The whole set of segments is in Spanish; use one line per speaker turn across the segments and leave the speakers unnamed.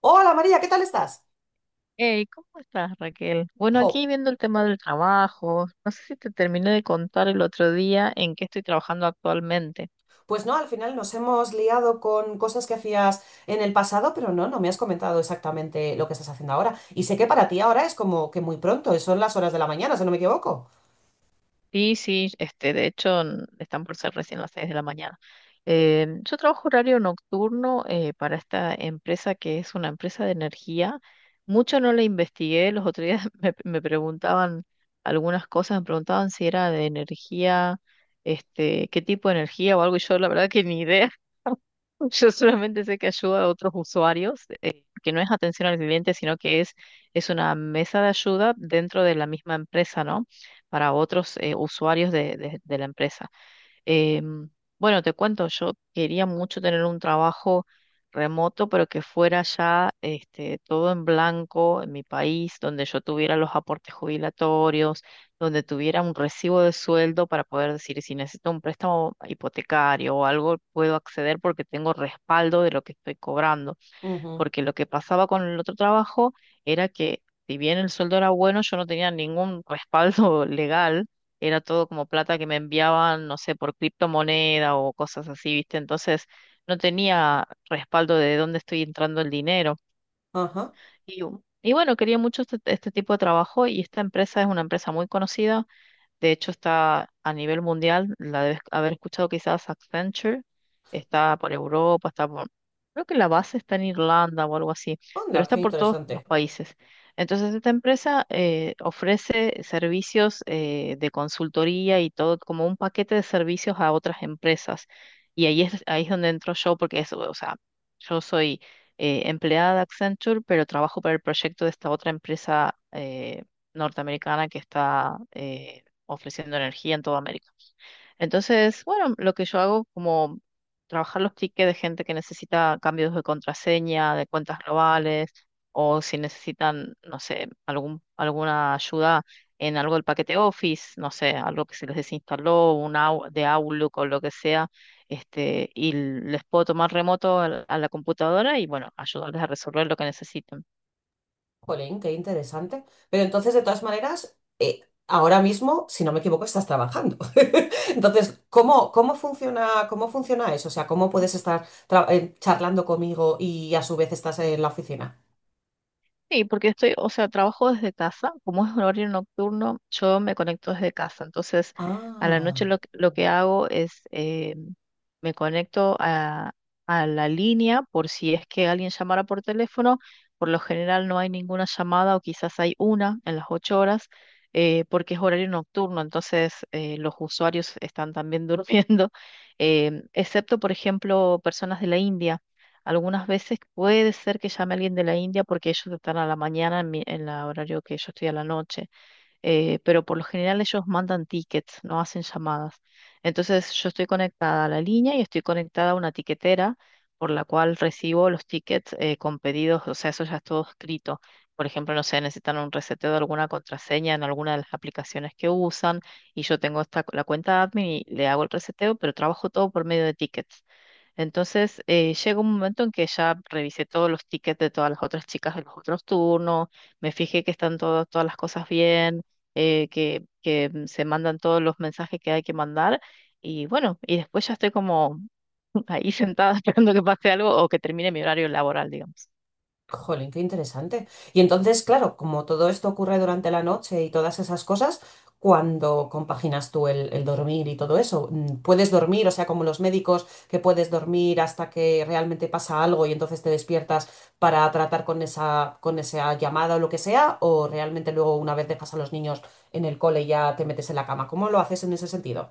Hola María, ¿qué tal estás?
Hey, ¿cómo estás, Raquel? Bueno,
Jo,
aquí viendo el tema del trabajo, no sé si te terminé de contar el otro día en qué estoy trabajando actualmente.
pues no, al final nos hemos liado con cosas que hacías en el pasado, pero no, no me has comentado exactamente lo que estás haciendo ahora. Y sé que para ti ahora es como que muy pronto, son las horas de la mañana, si no me equivoco.
Sí, sí, este, de hecho, están por ser recién las 6 de la mañana. Yo trabajo horario nocturno para esta empresa que es una empresa de energía. Mucho no la investigué, los otros días me preguntaban algunas cosas, me preguntaban si era de energía, este, qué tipo de energía o algo, y yo la verdad que ni idea. Yo solamente sé que ayuda a otros usuarios, que no es atención al cliente, sino que es una mesa de ayuda dentro de la misma empresa, ¿no? Para otros usuarios de la empresa. Em, bueno, te cuento, yo quería mucho tener un trabajo remoto, pero que fuera ya este, todo en blanco en mi país, donde yo tuviera los aportes jubilatorios, donde tuviera un recibo de sueldo para poder decir si necesito un préstamo hipotecario o algo, puedo acceder porque tengo respaldo de lo que estoy cobrando,
Ujú.
porque lo que pasaba con el otro trabajo era que, si bien el sueldo era bueno, yo no tenía ningún respaldo legal, era todo como plata que me enviaban, no sé, por criptomoneda o cosas así, ¿viste? Entonces no tenía respaldo de dónde estoy entrando el dinero.
Ajá.
Y, y bueno, quería mucho este, este tipo de trabajo, y esta empresa es una empresa muy conocida, de hecho, está a nivel mundial, la debes haber escuchado quizás, Accenture, está por Europa, está creo que la base está en Irlanda o algo así, pero
Anda, qué
está por todos los
interesante.
países. Entonces, esta empresa ofrece servicios de consultoría y todo como un paquete de servicios a otras empresas. Y ahí es donde entro yo, porque es, o sea, yo soy empleada de Accenture, pero trabajo para el proyecto de esta otra empresa norteamericana, que ofreciendo energía en toda América. Entonces, bueno, lo que yo hago como trabajar los tickets de gente que necesita cambios de contraseña, de cuentas globales, o si necesitan, no sé, algún, alguna ayuda en algo del paquete Office, no sé, algo que se les desinstaló, de Outlook o lo que sea, este, y les puedo tomar remoto a la computadora y bueno, ayudarles a resolver lo que necesiten.
Jolín, qué interesante. Pero entonces, de todas maneras, ahora mismo, si no me equivoco, estás trabajando. Entonces, ¿cómo, cómo funciona eso? O sea, ¿cómo puedes estar charlando conmigo y a su vez estás en la oficina?
Sí, porque estoy, o sea, trabajo desde casa. Como es un horario nocturno, yo me conecto desde casa. Entonces, a la noche
Ah,
lo que hago es, me conecto a la línea por si es que alguien llamara por teléfono. Por lo general no hay ninguna llamada o quizás hay una en las 8 horas, porque es horario nocturno, entonces los usuarios están también durmiendo, excepto, por ejemplo, personas de la India. Algunas veces puede ser que llame alguien de la India porque ellos están a la mañana en mi, en la horario que yo estoy a la noche, pero por lo general ellos mandan tickets, no hacen llamadas. Entonces yo estoy conectada a la línea y estoy conectada a una tiquetera por la cual recibo los tickets con pedidos, o sea, eso ya es todo escrito. Por ejemplo, no sé, necesitan un reseteo de alguna contraseña en alguna de las aplicaciones que usan y yo tengo la cuenta admin y le hago el reseteo, pero trabajo todo por medio de tickets. Entonces, llega un momento en que ya revisé todos los tickets de todas las otras chicas de los otros turnos, me fijé que están todas las cosas bien, que se mandan todos los mensajes que hay que mandar. Y bueno, y después ya estoy como ahí sentada esperando que pase algo o que termine mi horario laboral, digamos.
jolín, qué interesante. Y entonces, claro, como todo esto ocurre durante la noche y todas esas cosas, ¿cuando compaginas tú el dormir y todo eso? Mm, ¿puedes dormir, o sea, como los médicos, que puedes dormir hasta que realmente pasa algo y entonces te despiertas para tratar con esa llamada o lo que sea? ¿O realmente luego una vez dejas a los niños en el cole ya te metes en la cama? ¿Cómo lo haces en ese sentido?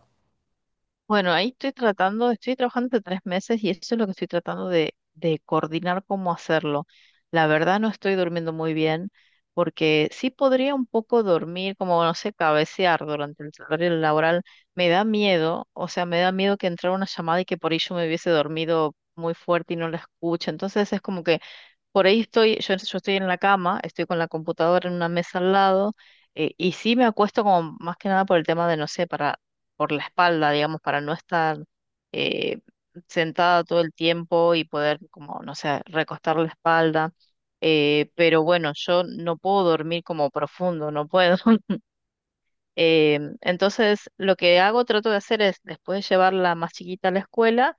Bueno, ahí estoy tratando, estoy trabajando hace 3 meses y eso es lo que estoy tratando de coordinar cómo hacerlo. La verdad no estoy durmiendo muy bien porque sí podría un poco dormir, como no sé, cabecear durante el horario laboral. Me da miedo, o sea, me da miedo que entrara una llamada y que por ello me hubiese dormido muy fuerte y no la escuche. Entonces es como que por ahí estoy, yo estoy en la cama, estoy con la computadora en una mesa al lado, y sí me acuesto como más que nada por el tema de, no sé, por la espalda, digamos, para no estar eh, sentada todo el tiempo y poder como, no sé, recostar la espalda. Pero bueno, yo no puedo dormir como profundo, no puedo. Entonces, lo que hago, trato de hacer es, después de llevarla más chiquita a la escuela,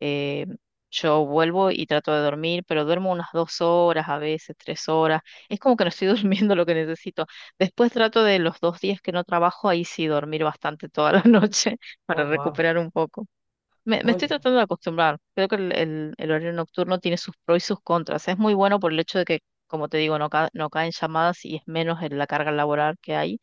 eh, yo vuelvo y trato de dormir, pero duermo unas 2 horas, a veces 3 horas. Es como que no estoy durmiendo lo que necesito. Después trato de los dos días que no trabajo, ahí sí dormir bastante toda la noche para
Oh,
recuperar un poco. Me estoy
wow.
tratando de acostumbrar. Creo que el horario nocturno tiene sus pros y sus contras. Es muy bueno por el hecho de que, como te digo, no, no caen llamadas y es menos en la carga laboral que hay,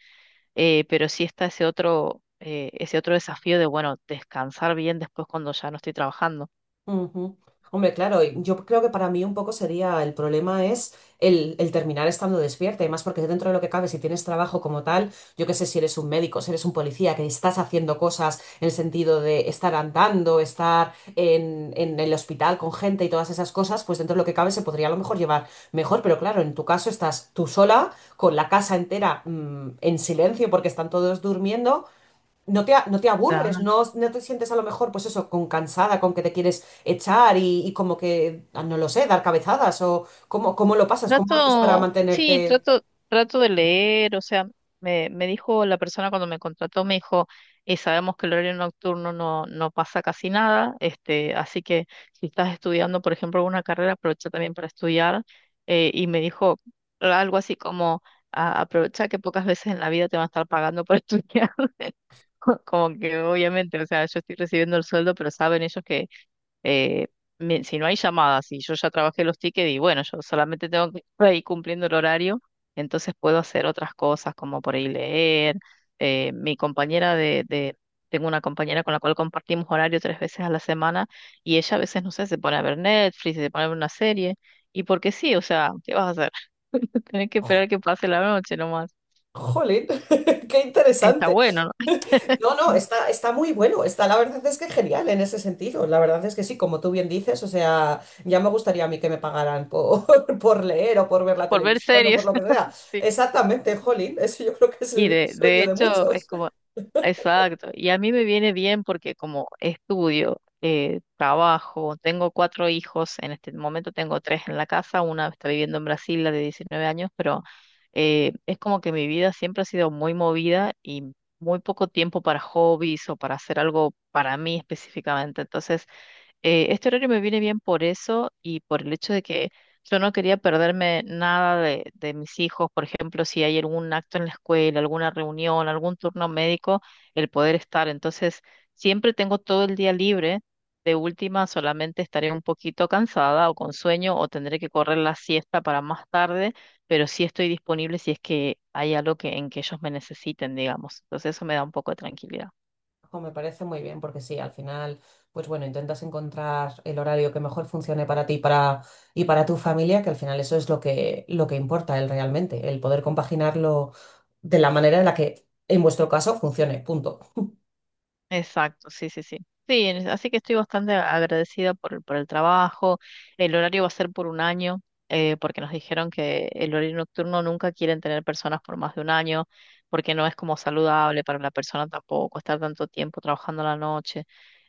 pero sí está ese otro desafío de, bueno, descansar bien después cuando ya no estoy trabajando.
Ujú. Hombre, claro, y yo creo que para mí un poco sería el problema es el terminar estando despierta, y más porque dentro de lo que cabe, si tienes trabajo como tal, yo qué sé, si eres un médico, si eres un policía, que estás haciendo cosas en el sentido de estar andando, estar en el hospital con gente y todas esas cosas, pues dentro de lo que cabe se podría a lo mejor llevar mejor, pero claro, en tu caso estás tú sola, con la casa entera, mm, en silencio porque están todos durmiendo, no te aburres, no, no te sientes a lo mejor, pues eso, con cansada, con que te quieres echar y como que, ah, no lo sé, dar cabezadas o cómo, cómo lo pasas, cómo haces para
Trato, sí,
mantenerte.
trato, de leer, o sea, me dijo la persona cuando me contrató, me dijo, "Sabemos que el horario nocturno no, no pasa casi nada, este, así que si estás estudiando, por ejemplo, una carrera, aprovecha también para estudiar", y me dijo algo así como, aprovecha que pocas veces en la vida te van a estar pagando por estudiar", como que obviamente, o sea, yo estoy recibiendo el sueldo, pero saben ellos que eh, si no hay llamadas y yo ya trabajé los tickets y bueno, yo solamente tengo que estar ahí cumpliendo el horario, entonces puedo hacer otras cosas como por ahí leer. Mi compañera tengo una compañera con la cual compartimos horario 3 veces a la semana, y ella a veces, no sé, se pone a ver Netflix, se pone a ver una serie, y porque sí, o sea, ¿qué vas a hacer? Tenés que
Oh,
esperar que pase la noche nomás.
jolín, qué
Está
interesante.
bueno, ¿no?
No, no, está, está muy bueno, está la verdad es que genial en ese sentido. La verdad es que sí, como tú bien dices, o sea, ya me gustaría a mí que me pagaran por, por leer o por ver la
Por ver
televisión o por
series.
lo que sea. Exactamente, jolín, eso yo creo que es
Y
el
de
sueño de
hecho es
muchos.
como, exacto, y a mí me viene bien porque como estudio, trabajo, tengo cuatro hijos, en este momento tengo tres en la casa, una está viviendo en Brasil, la de 19 años, pero es como que mi vida siempre ha sido muy movida y muy poco tiempo para hobbies o para hacer algo para mí específicamente. Entonces, este horario me viene bien por eso y por el hecho de que yo no quería perderme nada de mis hijos. Por ejemplo, si hay algún acto en la escuela, alguna reunión, algún turno médico, el poder estar. Entonces, siempre tengo todo el día libre. De última, solamente estaré un poquito cansada o con sueño o tendré que correr la siesta para más tarde, pero sí estoy disponible si es que hay algo que, en que ellos me necesiten, digamos. Entonces, eso me da un poco de tranquilidad.
Ojo, me parece muy bien porque sí, al final, pues bueno, intentas encontrar el horario que mejor funcione para ti y para tu familia, que al final eso es lo que importa el realmente, el poder compaginarlo de la manera en la que en vuestro caso funcione, punto.
Exacto, sí, sí, sí. Sí, así que estoy bastante agradecida por el trabajo. El horario va a ser por un año, porque nos dijeron que el horario nocturno nunca quieren tener personas por más de un año, porque no es como saludable para la persona tampoco estar tanto tiempo trabajando a la noche.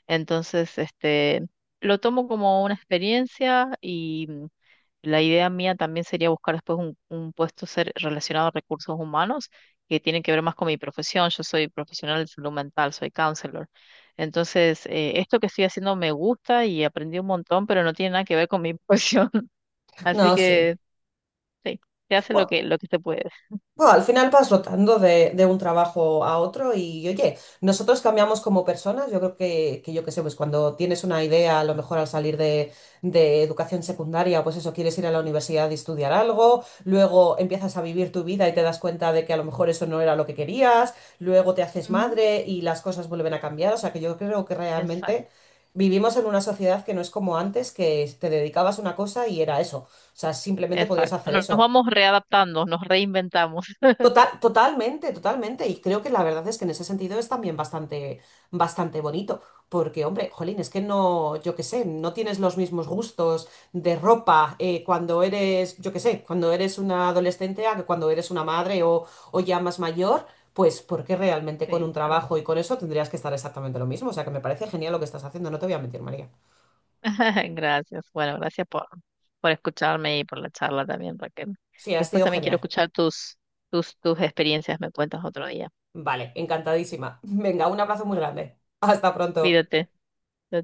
Entonces, este, lo tomo como una experiencia y, la idea mía también sería buscar después un puesto ser relacionado a recursos humanos que tienen que ver más con mi profesión. Yo soy profesional de salud mental, soy counselor. Entonces, esto que estoy haciendo me gusta y aprendí un montón, pero no tiene nada que ver con mi profesión.
No,
Así
sí.
que sí, se hace lo que se puede.
Bueno, al final vas rotando de un trabajo a otro y oye, nosotros cambiamos como personas, yo creo que yo qué sé, pues cuando tienes una idea, a lo mejor al salir de educación secundaria, pues eso, quieres ir a la universidad y estudiar algo, luego empiezas a vivir tu vida y te das cuenta de que a lo mejor eso no era lo que querías, luego te haces
Ujú.
madre y las cosas vuelven a cambiar, o sea que yo creo que realmente
Exacto,
vivimos en una sociedad que no es como antes, que te dedicabas a una cosa y era eso, o sea, simplemente podías
exacto.
hacer
Nos
eso.
vamos readaptando, nos reinventamos.
Total, totalmente, totalmente. Y creo que la verdad es que en ese sentido es también bastante, bastante bonito. Porque, hombre, jolín, es que no, yo qué sé, no tienes los mismos gustos de ropa cuando eres, yo qué sé, cuando eres una adolescente a que cuando eres una madre o ya más mayor, pues porque realmente con un
Sí,
trabajo y con eso tendrías que estar exactamente lo mismo. O sea que me parece genial lo que estás haciendo, no te voy a mentir, María.
gracias. Bueno, gracias por escucharme y por la charla también, Raquel.
Sí, ha
Después
sido
también quiero
genial.
escuchar tus, experiencias, me cuentas otro día.
Vale, encantadísima. Venga, un abrazo muy grande. Hasta pronto.
Cuídate. Chao,